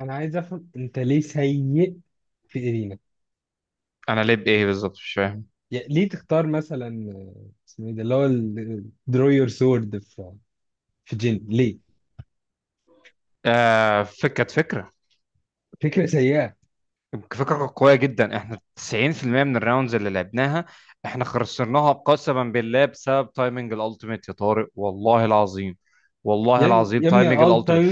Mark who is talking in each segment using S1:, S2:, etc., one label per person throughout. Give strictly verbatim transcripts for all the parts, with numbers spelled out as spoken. S1: انا عايز افهم انت ليه سيء في ايرينا.
S2: انا ليه بايه بالظبط مش فاهم.
S1: يعني ليه تختار مثلا آه، اسمه ايه ده اللي هو درو يور سورد في في جين، ليه؟
S2: آه فك- كانت فكره.
S1: فكره سيئه.
S2: فكره قويه جدا، احنا تسعين في المية من الراوندز اللي لعبناها احنا خسرناها قسما بالله بسبب تايمنج الالتيميت يا طارق، والله العظيم.
S1: يا
S2: والله
S1: ابني
S2: العظيم،
S1: يا ابني
S2: تايمنج
S1: الت
S2: الالتيميت.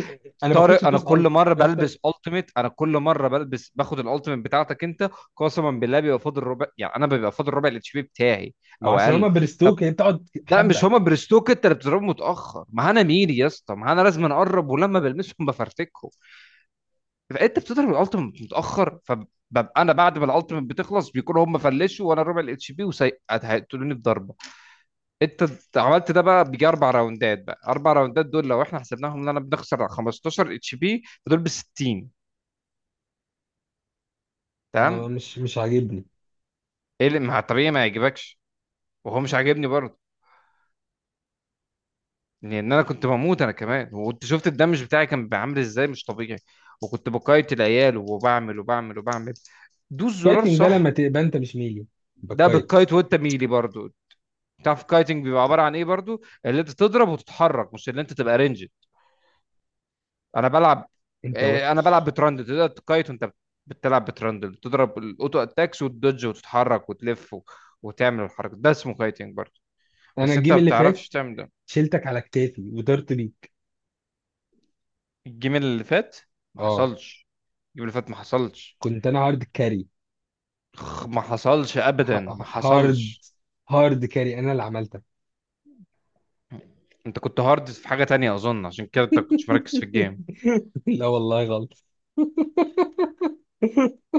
S1: انا باخدش
S2: طارق، انا
S1: دوس الت.
S2: كل مره
S1: طب انت،
S2: بلبس التيميت، انا كل مره بلبس باخد الالتيميت بتاعتك انت. قسما بالله بيبقى فاضل ربع، يعني انا بيبقى فاضل ربع الاتش بي بتاعي
S1: ما
S2: او
S1: عشان هما
S2: اقل. طب،
S1: برستوك، يعني بتقعد
S2: لا، مش
S1: حبه.
S2: هما برستوك، انت اللي بتضربه متاخر، ما انا مين يا اسطى، ما انا لازم اقرب ولما بلمسهم بفرتكهم. فانت بتضرب الالتيميت متاخر، فببقى انا بعد ما الالتيميت بتخلص بيكونوا هم فلشوا وانا ربع الاتش بي وهيقتلوني بضربه. انت عملت ده بقى بيجي اربع راوندات، بقى اربع راوندات دول لو احنا حسبناهم ان انا بنخسر خمسة عشر اتش بي فدول ب ستين.
S1: ما-
S2: تمام.
S1: مش مش عاجبني.
S2: ايه اللي مع الطبيعي ما يعجبكش؟ وهو مش عاجبني برضه، لان انا كنت بموت انا كمان، وانت شفت الدمج بتاعي كان عامل ازاي، مش طبيعي. وكنت بقايت العيال وبعمل وبعمل وبعمل. دوس زرار،
S1: الكايتنج ده
S2: صح؟
S1: لما تبقى انت مش ميلي،
S2: ده
S1: بكايت.
S2: بالكايت وانت ميلي برضو. تعرف الكايتنج بيبقى عباره عن ايه برضو؟ اللي انت تضرب وتتحرك، مش اللي انت تبقى رينج. انا بلعب.
S1: انت
S2: آه، انا بلعب
S1: وحش.
S2: بترندل، تقدر تكايت وانت بتلعب بترندل، تضرب الاوتو اتاكس وتدج وتتحرك وتلف و... وتعمل الحركه، ده اسمه كايتنج برضو.
S1: انا
S2: بس انت ما
S1: الجيم اللي فات
S2: بتعرفش تعمل ده.
S1: شلتك على كتافي وطرت بيك.
S2: الجيم اللي فات ما
S1: اه،
S2: حصلش. الجيم اللي فات ما حصلش.
S1: كنت انا هارد كاري.
S2: خ- ما حصلش ابدا،
S1: ه-
S2: ما
S1: ه- هارد
S2: حصلش.
S1: هارد كاري، انا اللي عملتك.
S2: انت كنت هارد في حاجه تانية اظن، عشان كده انت كنتش مركز في الجيم.
S1: لا والله غلط.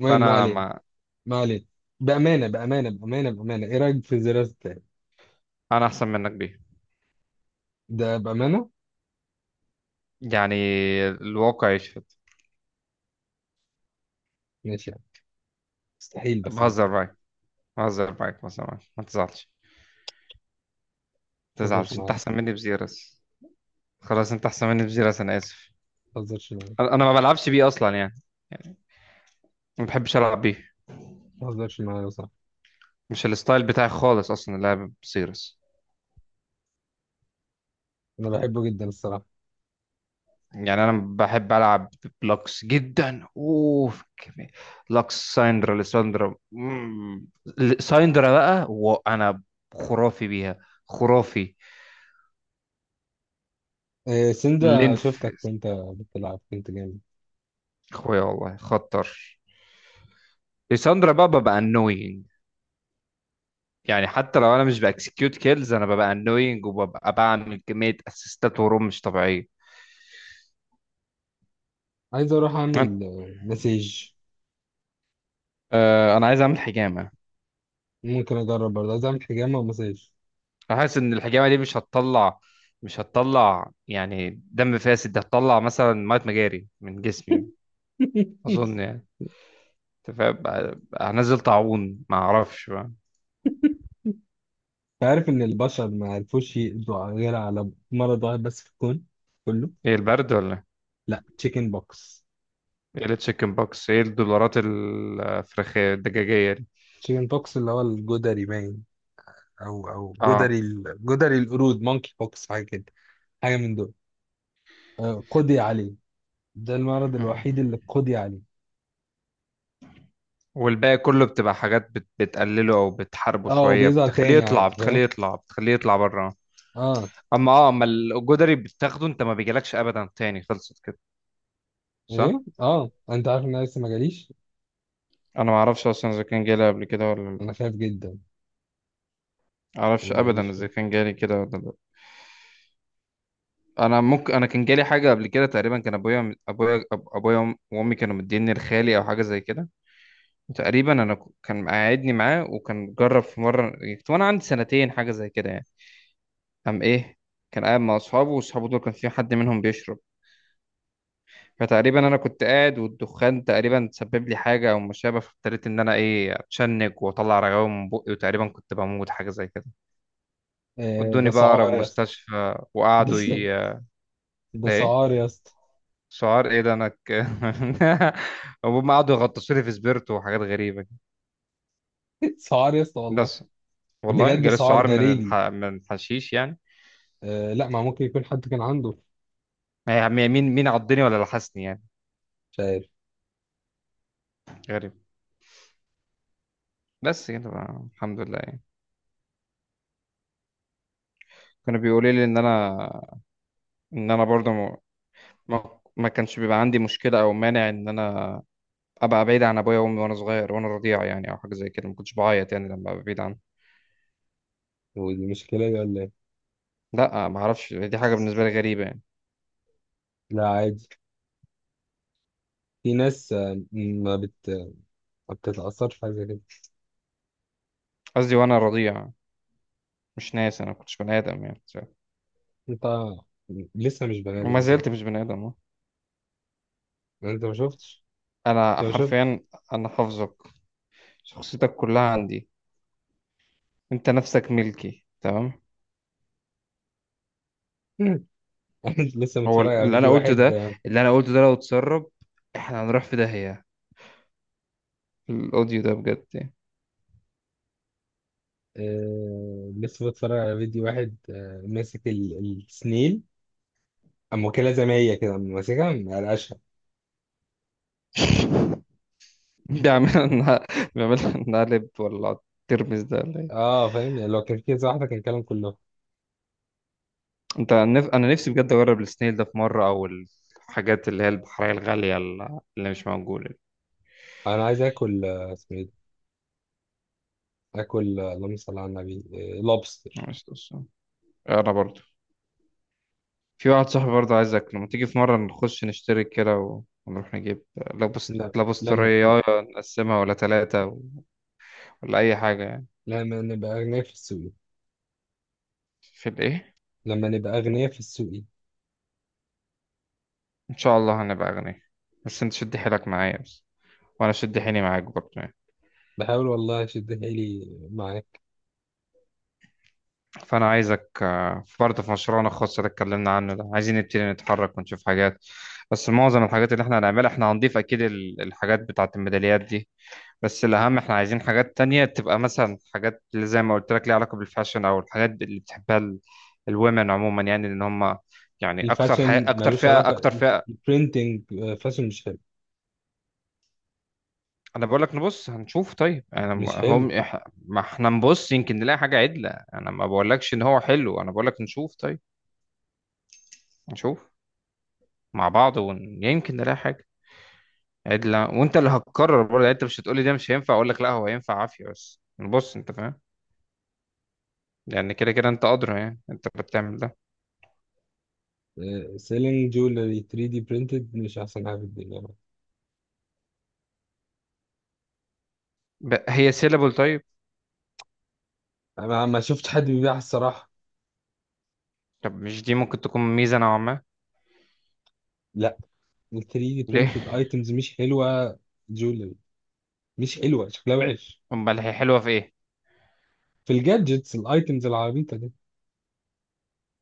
S1: المهم، ما
S2: فانا
S1: علينا،
S2: ما.
S1: ما علينا. بأمانة بأمانة بأمانة بأمانة، إيه رأيك في الزرار التاني؟
S2: انا احسن منك بيه،
S1: ده بأمانة؟
S2: يعني الواقع يشفى.
S1: ماشي يعني. مستحيل، بس ده
S2: بهزر
S1: شيء.
S2: معاك بهزر معاك بهزر معاك، ما تزعلش. ما
S1: ما تهزرش
S2: تزعلش، انت
S1: معايا،
S2: احسن مني بزيرس. خلاص انت احسن مني بزيرس، انا اسف.
S1: ما تهزرش معايا،
S2: انا أنا ما بلعبش بيه اصلا يعني، ما بحبش العب بيه.
S1: ما تهزرش معايا يا صاحبي.
S2: مش الستايل بتاعي خالص اصلا اللعب بزيرس.
S1: أنا بحبه جدا الصراحة.
S2: يعني انا بحب العب بلوكس جدا اوف كمية. لوكس، سايندرا، ليساندرا، مم. ل- سايندرا بقى وانا خرافي بيها، خرافي.
S1: إيه سندرا،
S2: لينث.
S1: شفتك وأنت بتلعب كنت جامد.
S2: اخويا والله خطر. ليساندرا بقى ببقى انوينج، يعني حتى لو انا مش باكسكيوت كيلز انا ببقى انوينج، وببقى بعمل كميه اسيستات وروم مش طبيعيه.
S1: عايز أروح
S2: انا.
S1: أعمل آه، مساج.
S2: آه، أنا عايز اعمل حجامه.
S1: ممكن أجرب برضه، عايز أعمل حجامة ومساج.
S2: أنا حاسس ان الحجامه دي مش هتطلع، مش هتطلع يعني دم فاسد، ده هتطلع مثلا ميه مجاري من جسمي، اظن يعني. انت فاهم بقى- بقى هنزل طاعون، ما اعرفش بقى.
S1: أنت عارف إن البشر ما عرفوش يقضوا غير على مرض واحد بس في الكون كله؟
S2: ايه، البرد ولا؟
S1: لا، تشيكن بوكس.
S2: ايه التشيكن بوكس؟ ايه الدولارات الفراخيه الدجاجيه دي؟
S1: تشيكن بوكس اللي هو الجدري باين. او او
S2: اه.
S1: جدري ال- جدري القرود، مونكي بوكس، حاجه كده. حاجه من دول. آه، قضي عليه. ده المرض الوحيد اللي قضي عليه.
S2: والباقي كله بتبقى حاجات بت... بتقلله او بتحاربه
S1: اه،
S2: شويه،
S1: وبيظهر
S2: بتخليه
S1: تاني
S2: يطلع،
S1: عادي، فاهم.
S2: بتخليه يطلع، بتخليه يطلع بره.
S1: اه.
S2: اما اه اما الجدري بتاخده انت ما بيجيلكش ابدا تاني، خلصت كده. صح.
S1: ايه، اه، انت عارف ان انا لسه ما جاليش.
S2: انا ما اعرفش اصلا اذا كان جالي قبل كده ولا لا.
S1: انا خايف جدا.
S2: ما اعرفش
S1: أنا ما
S2: ابدا
S1: جاليش.
S2: اذا كان جالي كده ولا لا. انا ممكن انا كان جالي حاجه قبل كده، تقريبا كان ابويا، ابويا أب- ابويا وأم- وامي كانوا مديني لخالي او حاجه زي كده. تقريبا انا ك- كان مقعدني معاه، وكان جرب في مره كنت وانا عندي سنتين، حاجه زي كده يعني. قام ايه، كان قاعد مع اصحابه، واصحابه دول كان في حد منهم بيشرب، فتقريبا انا كنت قاعد والدخان تقريبا سبب لي حاجه او ما شابه، فابتديت ان انا ايه اتشنج واطلع رغاوي من بقي، وتقريبا كنت بموت، حاجه زي كده.
S1: آه، ده
S2: ودوني بقى اقرب
S1: سعار يا اسطى.
S2: مستشفى
S1: ده،
S2: وقعدوا ي...
S1: ده
S2: ده ايه؟
S1: سعار يا اسطى.
S2: سعار ايه ده، انا ك... هم قعدوا يغطسوا لي في سبيرتو وحاجات غريبه كده.
S1: سعار يا اسطى والله.
S2: بس. والله
S1: بجد،
S2: جالي
S1: سعار
S2: السعار
S1: ده
S2: من الح...
S1: ريبي.
S2: من الحشيش يعني.
S1: آه لا، ما ممكن يكون حد كان عنده.
S2: يعني مين، مين عضني ولا لحسني يعني؟
S1: مش عارف.
S2: غريب. بس كده بقى، الحمد لله يعني. كانوا بيقولوا لي ان انا، ان انا برضه ما ما كانش بيبقى عندي مشكلة أو مانع إن أنا أبقى بعيد عن أبويا وأمي وأنا صغير وأنا رضيع يعني، أو حاجة زي كده. ما كنتش بعيط يعني لما أبقى بعيد عنهم.
S1: ودي مشكله دي ولا ايه؟
S2: لا ما أعرفش، دي حاجة بالنسبة لي غريبة يعني.
S1: لا عادي. في ناس آه، ما بت ما بتتأثرش في حاجة زي كده.
S2: قصدي وأنا رضيع، مش ناس، أنا ما كنتش بني آدم يعني.
S1: انت لسه مش بني ادم
S2: وما
S1: مثلا.
S2: زلت مش بني آدم، أه.
S1: انت ما شفتش،
S2: أنا
S1: انت ما شفتش.
S2: حرفيا. أنا حافظك، شخصيتك كلها عندي، أنت نفسك ملكي تمام.
S1: أنا لسه
S2: هو
S1: متفرج على
S2: اللي أنا
S1: فيديو
S2: قلته
S1: واحد.
S2: ده، اللي أنا قلته ده لو اتسرب إحنا هنروح في داهية، الأوديو ده بجد يعني.
S1: آه، لسه متفرج على فيديو واحد. آه، ماسك ال- السنيل. اما واكلها زي ما هي كده، أما ماسكها مقلقشها.
S2: بيعملها نع- بيعملها نقلب ولا ترمس ده، ولا ايه؟
S1: اه فاهم. يعني لو كان في كذا واحدة كان الكلام كله.
S2: انت نف... انا نفسي بجد اجرب السنيل ده في مره، او الحاجات اللي هي البحريه الغاليه اللي اللي مش موجوده دي.
S1: انا عايز اكل آه، اسمه ايه ده. اكل، آه، اللهم صل على النبي. آه، لوبستر.
S2: مش قصة. انا برضو. في واحد صاحبي برضو، عايزك لما تيجي في مره نخش نشترك كده و- ونروح نجيب لابس
S1: لا
S2: لابس
S1: لما.
S2: طريه نقسمها ولا ثلاثه و... ولا اي حاجه يعني.
S1: لما نبقى اغنياء في السوق،
S2: في الايه؟
S1: لما نبقى اغنياء في السوق.
S2: ان شاء الله هنبقى اغنياء، بس انت شد حيلك معايا بس، وانا شد حيلي معاك برضو.
S1: بحاول والله اشد حيلي مع.
S2: فأنا عايزك آه، برضه في مشروعنا الخاص اللي اتكلمنا عنه ده، عايزين نبتدي نتحرك ونشوف حاجات. بس معظم الحاجات اللي احنا هنعملها احنا هنضيف أكيد ال- الحاجات بتاعة الميداليات دي، بس الأهم احنا عايزين حاجات تانية تبقى مثلا، حاجات اللي زي ما قلت لك ليها علاقة بالفاشن، أو الحاجات اللي بتحبها ال- الومن عموما يعني، إن هم يعني أكتر حي...
S1: الفاشن
S2: أكتر
S1: ملوش
S2: فئة أكتر
S1: علاقة.
S2: فئة.
S1: البرينتنج فاشن مش حلو.
S2: أنا بقول لك نبص هنشوف طيب، أنا م-
S1: مش حلو.
S2: هم إح- ما احنا نبص يمكن نلاقي حاجة عدلة، أنا ما بقولكش إن هو حلو، أنا بقول لك نشوف طيب. نشوف مع بعض ويمكن نلاقي حاجة عدلة، وانت اللي هتقرر برضه يعني، انت مش هتقولي ده مش هينفع اقول لك لا هو هينفع عافية، بس بص انت فاهم، لان كده كده انت ادرى يعني، انت اللي بتعمل ده.
S1: سيلينج جولري ثري دي برينتد مش أحسن حاجة في الدنيا.
S2: ب... هي سيلابل طيب؟
S1: أنا ما شفت حد بيبيعها الصراحة.
S2: طب مش دي ممكن تكون ميزة نوعا ما؟
S1: لا. ال ثري دي
S2: ليه؟
S1: برينتد أيتمز مش حلوة. جولري مش حلوة، شكلها وحش.
S2: امال هي حلوة في ايه؟
S1: في الجادجتس الأيتمز العبيطة دي،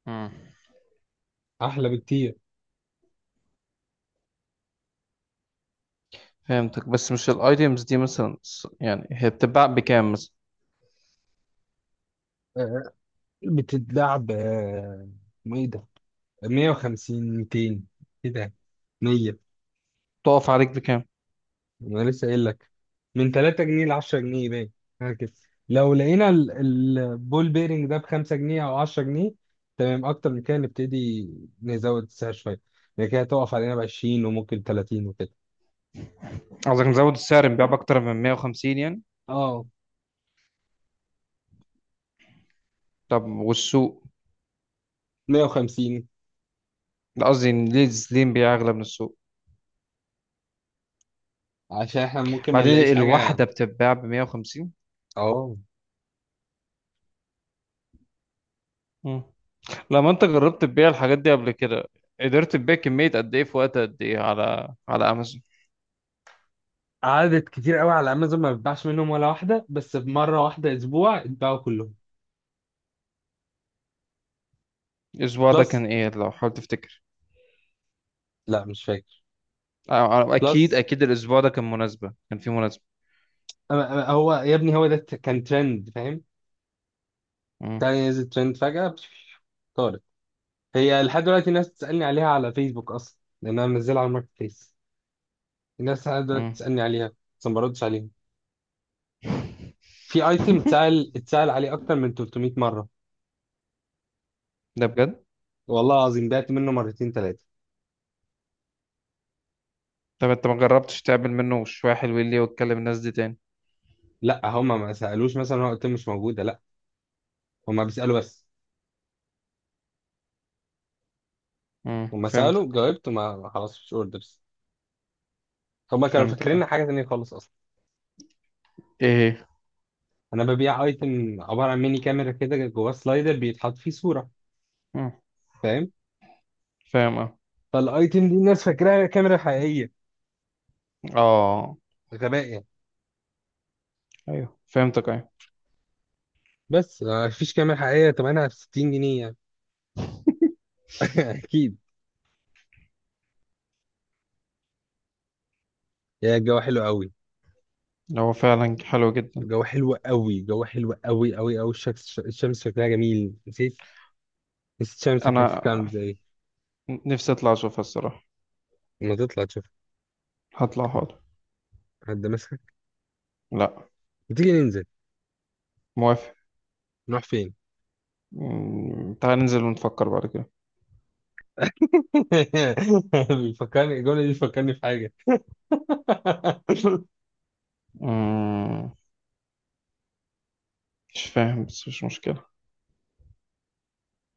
S2: مم.
S1: أحلى بكتير.
S2: فهمتك، بس مش الايتيمز دي مثلا س- يعني هي بتتباع بكام مثلا؟
S1: آه، بتتلعب آه، اسمه إيه ده. مية وخمسين، ميتين كده، مية.
S2: تقف عليك بكام؟
S1: انا لسه قايل لك، من ثلاثة جنيهات ل عشر جنيه باين، حاجه كده. لو لقينا ال- البول بيرنج ده ب خمس جنيه او عشرة جنيهات، تمام. اكتر من كده نبتدي نزود السعر شويه، يعني كده هتقف علينا ب عشرين وممكن ثلاثين وكده.
S2: قصدك مزود السعر نبيع بأكتر من مية وخمسين يعني؟
S1: اه،
S2: طب والسوق؟
S1: مية وخمسين،
S2: لا قصدي إن ليه، ليه نبيع أغلى من السوق؟
S1: عشان احنا ممكن ما
S2: بعدين
S1: نلاقيش حاجه.
S2: الواحدة بتتباع ب مية وخمسين.
S1: اه،
S2: مم. لما انت جربت تبيع الحاجات دي قبل كده، قدرت تبيع كمية قد ايه في وقت قد ايه على على امازون؟
S1: عدد كتير قوي على امازون. ما بتباعش منهم ولا واحده، بس بمره واحده اسبوع اتباعوا كلهم.
S2: الاسبوع ده
S1: بلس.
S2: كان ايه لو حاول تفتكر؟
S1: لا مش فاكر.
S2: اه، اكيد
S1: بلس.
S2: اكيد الاسبوع ده كان مناسبة، كان في مناسبة.
S1: أما- أما هو يا ابني، هو ده كان ترند، فاهم.
S2: مم.
S1: تاني نزل ترند فجأة بش- طارت. هي لحد دلوقتي الناس بتسألني عليها على فيسبوك أصلا، لأن أنا منزلها على الماركت بليس. الناس لحد دلوقتي
S2: مم.
S1: بتسألني عليها، بس ما بردش عليهم. في أيتم اتسأل اتسأل عليه أكتر من ثلاثمائة مرة.
S2: ده بجد؟
S1: والله العظيم بعت منه مرتين ثلاثة.
S2: طب انت ما جربتش تعمل منه شوية حلوين ليه وتكلم الناس دي تاني؟
S1: لا، هما ما سألوش. مثلا هو الأيتم مش موجودة، لا، هما بيسألوا بس.
S2: مم،
S1: هما سألوا،
S2: فهمتك.
S1: جاوبت، وما خلاص مش أوردرز. هما كانوا
S2: فهمتك،
S1: فاكرين
S2: اه.
S1: حاجة تانية خالص أصلا.
S2: ايه؟
S1: أنا ببيع أيتم عبارة عن ميني كاميرا كده جواه سلايدر بيتحط فيه صورة،
S2: مم.
S1: فاهم.
S2: فاهم، اه.
S1: فالايتم دي الناس فاكراها كاميرا حقيقيه،
S2: اه.
S1: غباء يعني.
S2: ايوه فهمتك، ايوه.
S1: بس آه، مفيش كاميرا حقيقية تمنها في ستين جنيه يعني. أكيد. يعني الجو حلو قوي.
S2: هو فعلا حلو جدا.
S1: الجو حلو قوي، الجو حلو قوي قوي قوي. الشمس، الشمس شكلها جميل. نسيت، نسيت الشمس شكلها
S2: انا
S1: عامل ازاي.
S2: نفسي اطلع اشوفها الصراحة.
S1: لما تطلع تشوف،
S2: هطلع، حاضر.
S1: حد ماسكك؟
S2: لا.
S1: وتيجي ننزل،
S2: موافق.
S1: نروح فين؟
S2: مم، تعال ننزل ونفكر بعد كده.
S1: بيفكرني الجملة دي، بتفكرني في حاجة.
S2: مم، مش فاهم بس مش مشكلة.